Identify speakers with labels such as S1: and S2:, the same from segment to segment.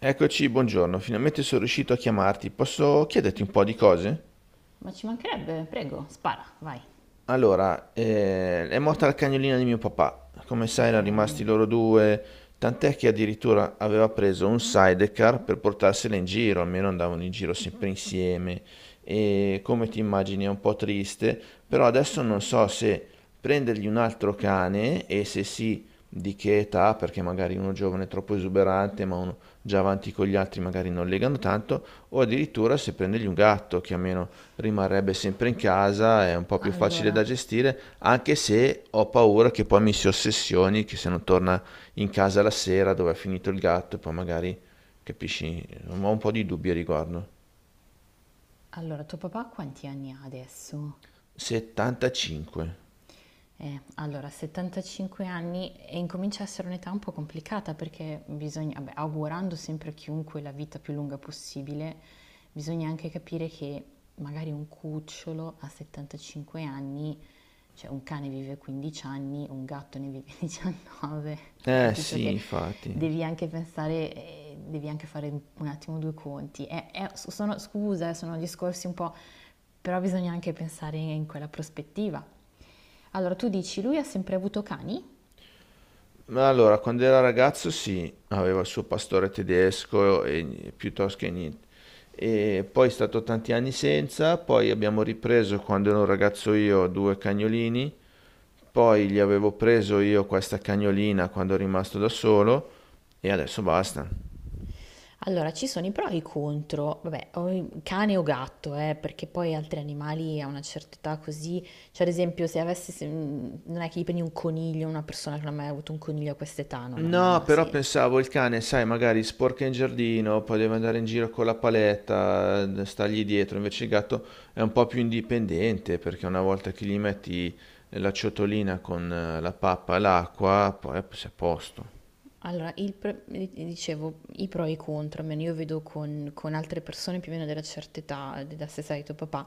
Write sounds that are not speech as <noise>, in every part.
S1: Eccoci, buongiorno, finalmente sono riuscito a chiamarti. Posso chiederti un po' di cose?
S2: Ma ci mancherebbe, prego, spara, vai.
S1: Allora, è morta la cagnolina di mio papà. Come sai,
S2: Ok,
S1: erano rimasti loro due, tant'è che addirittura aveva preso un sidecar per portarsela in giro, almeno andavano in giro sempre insieme. E come ti immagini è un po' triste, però adesso non so se prendergli un altro cane e se sì, di che età, perché magari uno giovane è troppo esuberante, ma uno già avanti con gli altri magari non legano tanto, o addirittura se prendergli un gatto, che almeno rimarrebbe sempre in casa, è un po' più facile
S2: allora,
S1: da gestire, anche se ho paura che poi mi si ossessioni, che se non torna in casa la sera dove è finito il gatto, poi magari, capisci, ho un po' di dubbi a riguardo.
S2: allora, tuo papà quanti anni ha adesso?
S1: 75.
S2: Allora, 75 anni e incomincia a essere un'età un po' complicata perché bisogna, vabbè, augurando sempre a chiunque la vita più lunga possibile, bisogna anche capire che magari un cucciolo a 75 anni, cioè un cane vive 15 anni, un gatto ne vive 19, <laughs>
S1: Eh
S2: capito
S1: sì,
S2: che
S1: infatti.
S2: devi anche pensare, devi anche fare un attimo due conti. Sono, scusa, sono discorsi un po', però bisogna anche pensare in quella prospettiva. Allora tu dici, lui ha sempre avuto cani?
S1: Ma allora, quando era ragazzo sì, aveva il suo pastore tedesco e piuttosto che niente. E poi è stato tanti anni senza, poi abbiamo ripreso quando ero un ragazzo io due cagnolini. Poi gli avevo preso io questa cagnolina quando ero rimasto da solo e adesso basta.
S2: Allora, ci sono i pro e i contro, vabbè, o cane o gatto, perché poi altri animali a una certa età così, cioè ad esempio se avessi, non è che gli prendi un coniglio, una persona che non ha mai avuto un coniglio a quest'età, non, non ha non
S1: No,
S2: ha
S1: però
S2: senso.
S1: pensavo il cane, sai, magari sporca in giardino, poi deve andare in giro con la paletta, stargli dietro. Invece il gatto è un po' più indipendente perché una volta che gli metti la ciotolina con la pappa e l'acqua, poi sei a posto.
S2: Allora, dicevo, i pro e i contro, almeno io vedo con altre persone più o meno della certa età, della stessa età di tuo papà.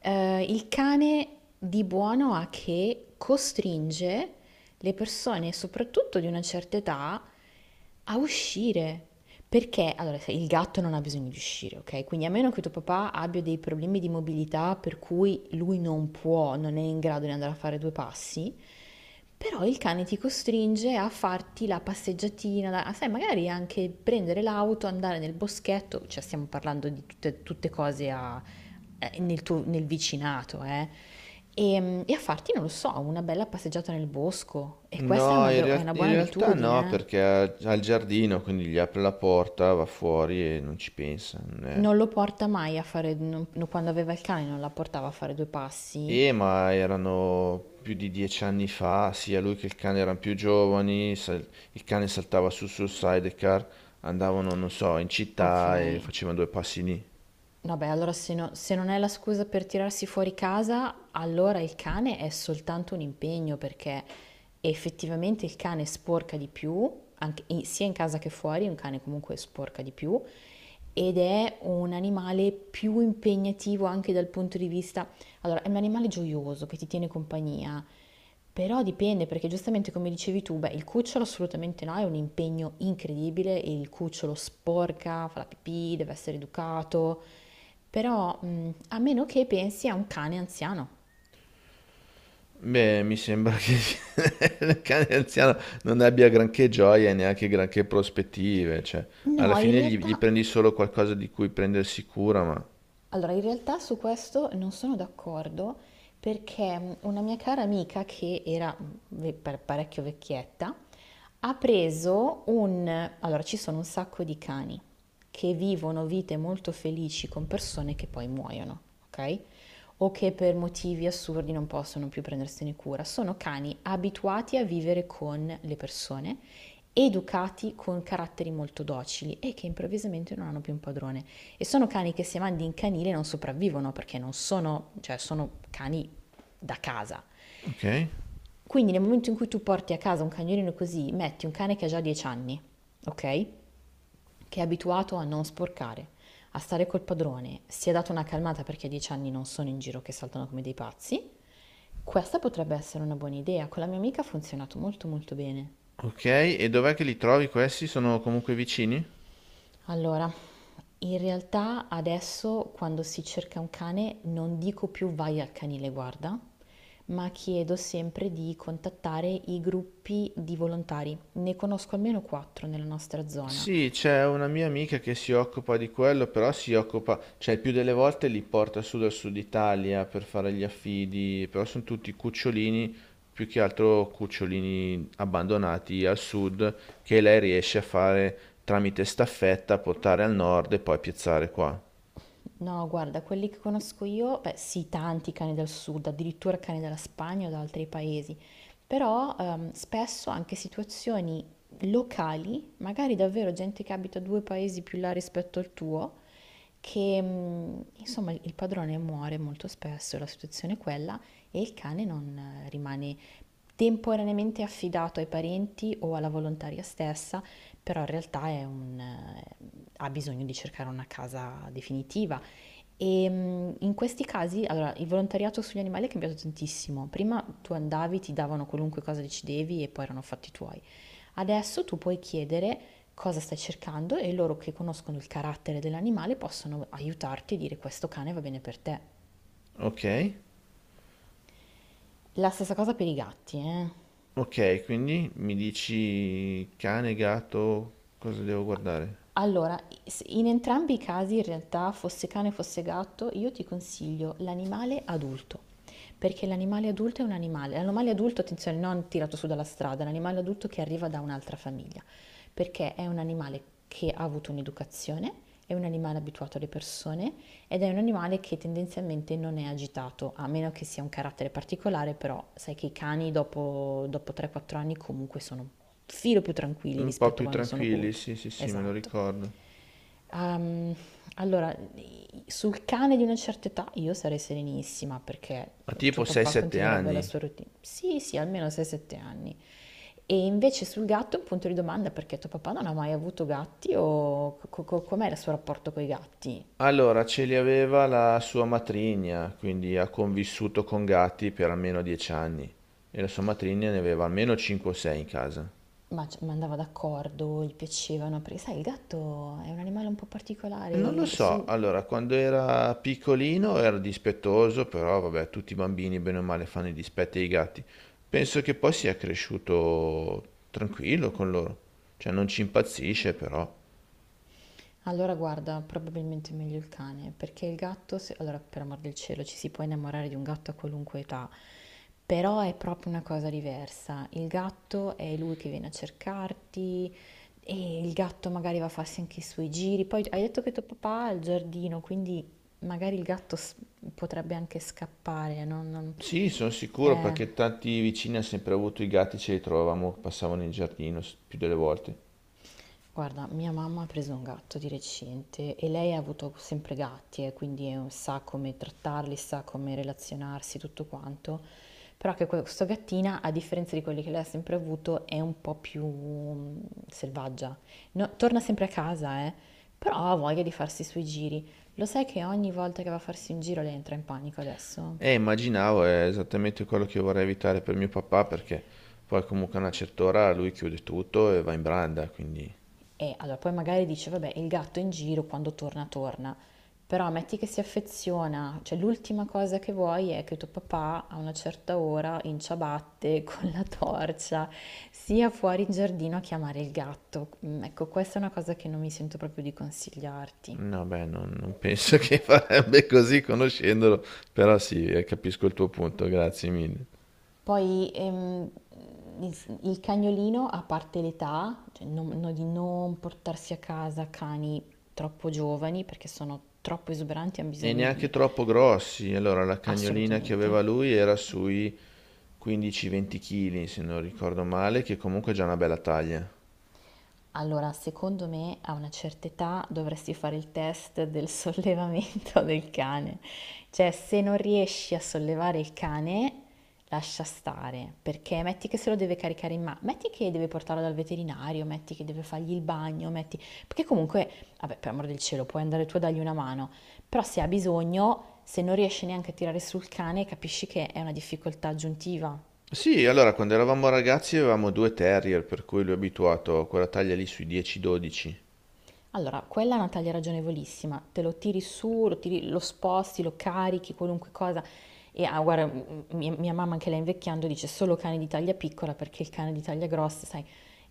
S2: Il cane di buono ha che costringe le persone, soprattutto di una certa età, a uscire. Perché, allora, il gatto non ha bisogno di uscire, ok? Quindi a meno che tuo papà abbia dei problemi di mobilità per cui lui non può, non è in grado di andare a fare due passi, però il cane ti costringe a farti la passeggiatina, sai, magari anche prendere l'auto, andare nel boschetto, cioè stiamo parlando di tutte cose nel vicinato, eh? E, a farti, non lo so, una bella passeggiata nel bosco. E questa è
S1: No,
S2: una be- è una
S1: in
S2: buona
S1: realtà no,
S2: abitudine.
S1: perché
S2: Eh?
S1: ha il giardino, quindi gli apre la porta, va fuori e non ci pensa. Non è-
S2: Non lo porta mai a fare, no, quando aveva il cane non la portava a fare due passi.
S1: Ma erano più di 10 anni fa, sia lui che il cane erano più giovani, il cane saltava su sul sidecar, andavano, non so, in
S2: Ok.
S1: città e facevano due passi lì.
S2: Vabbè, allora se non è la scusa per tirarsi fuori casa, allora il cane è soltanto un impegno perché effettivamente il cane sporca di più, anche sia in casa che fuori, un cane comunque sporca di più ed è un animale più impegnativo anche dal punto di vista. Allora, è un animale gioioso che ti tiene compagnia, però dipende perché giustamente come dicevi tu, beh, il cucciolo assolutamente no, è un impegno incredibile, e il cucciolo sporca, fa la pipì, deve essere educato, però a meno che pensi a un cane anziano.
S1: Beh, mi sembra che <laughs> il cane anziano non abbia granché gioia e neanche granché prospettive, cioè, alla
S2: No, in
S1: fine gli
S2: realtà,
S1: prendi solo qualcosa di cui prendersi cura, ma.
S2: allora, in realtà su questo non sono d'accordo perché una mia cara amica che era parecchio vecchietta, Allora, ci sono un sacco di cani che vivono vite molto felici con persone che poi muoiono, ok? O che per motivi assurdi non possono più prendersene cura. Sono cani abituati a vivere con le persone, educati con caratteri molto docili e che improvvisamente non hanno più un padrone. E sono cani che se mandi in canile non sopravvivono perché non sono, cioè sono cani da casa,
S1: Ok,
S2: quindi nel momento in cui tu porti a casa un cagnolino così, metti un cane che ha già 10 anni, ok? Che è abituato a non sporcare, a stare col padrone, si è dato una calmata perché a 10 anni non sono in giro che saltano come dei pazzi. Questa potrebbe essere una buona idea, con la mia amica ha funzionato molto molto bene.
S1: ok, e dov'è che li trovi questi? Sono comunque vicini?
S2: Allora, in realtà adesso quando si cerca un cane non dico più vai al canile guarda, ma chiedo sempre di contattare i gruppi di volontari. Ne conosco almeno quattro nella nostra zona.
S1: Sì, c'è una mia amica che si occupa di quello, però si occupa, cioè il più delle volte li porta su dal sud Italia per fare gli affidi, però sono tutti cucciolini, più che altro cucciolini abbandonati al sud, che lei riesce a fare tramite staffetta, portare al nord e poi piazzare qua.
S2: No, guarda, quelli che conosco io, beh, sì, tanti cani del sud, addirittura cani dalla Spagna o da altri paesi, però spesso anche situazioni locali, magari davvero gente che abita due paesi più là rispetto al tuo, che insomma il padrone muore molto spesso, la situazione è quella, e il cane non rimane temporaneamente affidato ai parenti o alla volontaria stessa, però in realtà ha bisogno di cercare una casa definitiva. E in questi casi, allora, il volontariato sugli animali è cambiato tantissimo. Prima tu andavi, ti davano qualunque cosa decidevi e poi erano fatti tuoi. Adesso tu puoi chiedere cosa stai cercando e loro che conoscono il carattere dell'animale possono aiutarti e dire questo cane va bene per te.
S1: Ok?
S2: La stessa cosa per i gatti, eh.
S1: Ok, quindi mi dici cane, gatto, cosa devo guardare?
S2: Allora, s in entrambi i casi in realtà, fosse cane fosse gatto, io ti consiglio l'animale adulto, perché l'animale adulto è un animale, l'animale adulto, attenzione, non tirato su dalla strada, l'animale adulto che arriva da un'altra famiglia, perché è un animale che ha avuto un'educazione, è un animale abituato alle persone ed è un animale che tendenzialmente non è agitato, a meno che sia un carattere particolare, però sai che i cani dopo 3-4 anni comunque sono un filo più tranquilli
S1: Un po'
S2: rispetto a
S1: più
S2: quando sono
S1: tranquilli,
S2: cuccioli.
S1: sì, sì, sì, me lo
S2: Esatto.
S1: ricordo.
S2: Ehm, allora, sul cane di una certa età io sarei serenissima perché
S1: Ma
S2: tuo
S1: tipo
S2: papà
S1: 6-7
S2: continuerebbe la
S1: anni?
S2: sua routine. Sì, sì, almeno 6-7 anni. E invece sul gatto è un punto di domanda perché tuo papà non ha mai avuto gatti o com'è il suo rapporto con i gatti?
S1: Allora, ce li aveva la sua matrigna, quindi ha convissuto con gatti per almeno 10 anni e la sua matrigna ne aveva almeno 5 o 6 in casa.
S2: Ma andava d'accordo, gli piacevano, perché sai, il gatto è un animale un po'
S1: E
S2: particolare.
S1: Non lo so, allora, quando era piccolino era dispettoso, però vabbè, tutti i bambini bene o male fanno i dispetti ai gatti. Penso che poi sia cresciuto tranquillo con loro, cioè non ci impazzisce però.
S2: Allora guarda, probabilmente è meglio il cane, perché il gatto, allora per amor del cielo, ci si può innamorare di un gatto a qualunque età, però è proprio una cosa diversa. Il gatto è lui che viene a cercarti e il gatto magari va a farsi anche i suoi giri. Poi hai detto che tuo papà ha il giardino, quindi magari il gatto potrebbe anche scappare.
S1: Sì, sono sicuro perché
S2: Eh.
S1: tanti vicini hanno sempre avuto i gatti, ce li trovavamo, passavano in giardino più delle volte.
S2: Guarda, mia mamma ha preso un gatto di recente e lei ha avuto sempre gatti, e quindi sa come trattarli, sa come relazionarsi, tutto quanto. Però che questa gattina, a differenza di quelli che lei ha sempre avuto, è un po' più selvaggia. Torna sempre a casa, però ha voglia di farsi i suoi giri. Lo sai che ogni volta che va a farsi un giro lei entra in panico adesso?
S1: E immaginavo, è esattamente quello che io vorrei evitare per mio papà perché poi comunque a una certa ora lui chiude tutto e va in branda, quindi
S2: E allora poi magari dice, vabbè, il gatto in giro quando torna, torna. Però metti che si affeziona, cioè l'ultima cosa che vuoi è che tuo papà a una certa ora in ciabatte <laughs> con la torcia sia fuori in giardino a chiamare il gatto. Ecco, questa è una cosa che non mi sento proprio di consigliarti.
S1: no, beh, non penso <laughs> che farebbe così conoscendolo, però sì, capisco il tuo punto, grazie mille.
S2: Poi il cagnolino, a parte l'età, cioè di non portarsi a casa cani troppo giovani perché sono troppo esuberanti, hanno
S1: E
S2: bisogno
S1: neanche
S2: di
S1: troppo grossi, allora la cagnolina che
S2: assolutamente.
S1: aveva lui era sui 15-20 kg, se non ricordo male, che comunque è già una bella taglia.
S2: Allora, secondo me a una certa età dovresti fare il test del <laughs> sollevamento del cane. Cioè, se non riesci a sollevare il cane, lascia stare, perché metti che se lo deve caricare in mano, metti che deve portarlo dal veterinario, metti che deve fargli il bagno, metti. Perché comunque, vabbè, per amor del cielo, puoi andare tu a dargli una mano, però se ha bisogno, se non riesci neanche a tirare sul cane, capisci che è una difficoltà aggiuntiva.
S1: Sì, allora quando eravamo ragazzi avevamo due terrier, per cui lui è abituato a quella taglia lì sui 10-12.
S2: Allora, quella è una taglia ragionevolissima, te lo tiri su, lo sposti, lo carichi, qualunque cosa. E ah, guarda, mia mamma anche lei invecchiando dice solo cane di taglia piccola perché il cane di taglia grossa, sai,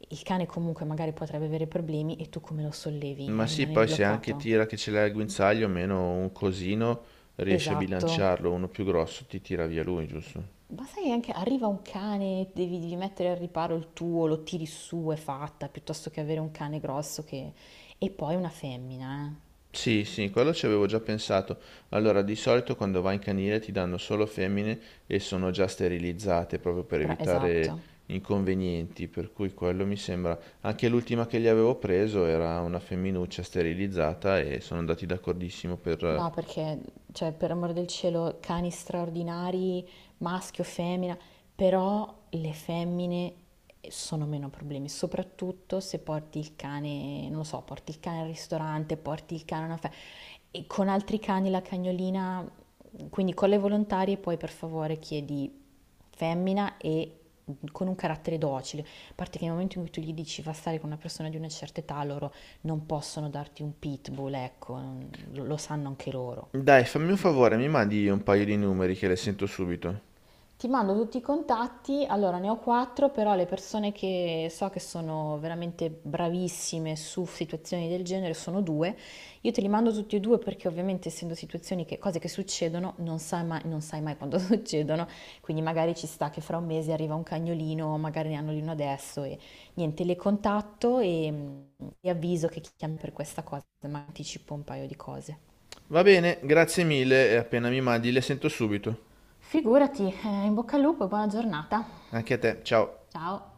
S2: il cane comunque magari potrebbe avere problemi e tu come lo sollevi?
S1: Ma sì,
S2: Rimane lì
S1: poi se anche
S2: bloccato?
S1: tira che ce l'hai al guinzaglio, meno un cosino, riesci a
S2: Esatto.
S1: bilanciarlo, uno più grosso ti tira via lui, giusto?
S2: Ma sai che anche arriva un cane, devi mettere al riparo il tuo, lo tiri su, è fatta, piuttosto che avere un cane grosso che. E poi una femmina, eh.
S1: Sì, sì, quello ci avevo già pensato. Allora, di solito quando vai in canile ti danno solo femmine e sono già sterilizzate proprio per
S2: Però
S1: evitare
S2: esatto.
S1: inconvenienti, per cui quello mi sembra. Anche l'ultima che gli avevo preso era una femminuccia sterilizzata e sono andati d'accordissimo per...
S2: No,
S1: eh.
S2: perché, cioè, per amor del cielo, cani straordinari, maschio, femmina, però le femmine sono meno problemi, soprattutto se porti il cane, non lo so, porti il cane al ristorante, porti il cane a una festa, e con altri cani la cagnolina, quindi con le volontarie poi per favore chiedi femmina e con un carattere docile, a parte che nel momento in cui tu gli dici va a stare con una persona di una certa età, loro non possono darti un pitbull, ecco, lo sanno anche loro.
S1: Dai, fammi un favore, mi mandi un paio di numeri che le sento subito.
S2: Ti mando tutti i contatti, allora ne ho quattro, però le persone che so che sono veramente bravissime su situazioni del genere sono due. Io te li mando tutti e due perché ovviamente essendo situazioni che, cose che succedono, non sai mai quando <laughs> succedono, quindi magari ci sta che fra un mese arriva un cagnolino, magari ne hanno uno adesso e niente, le contatto e avviso che chiami per questa cosa, ma anticipo un paio di cose.
S1: Va bene, grazie mille e appena mi mandi le sento subito.
S2: Figurati, in bocca al lupo e buona giornata.
S1: Anche a te, ciao.
S2: Ciao.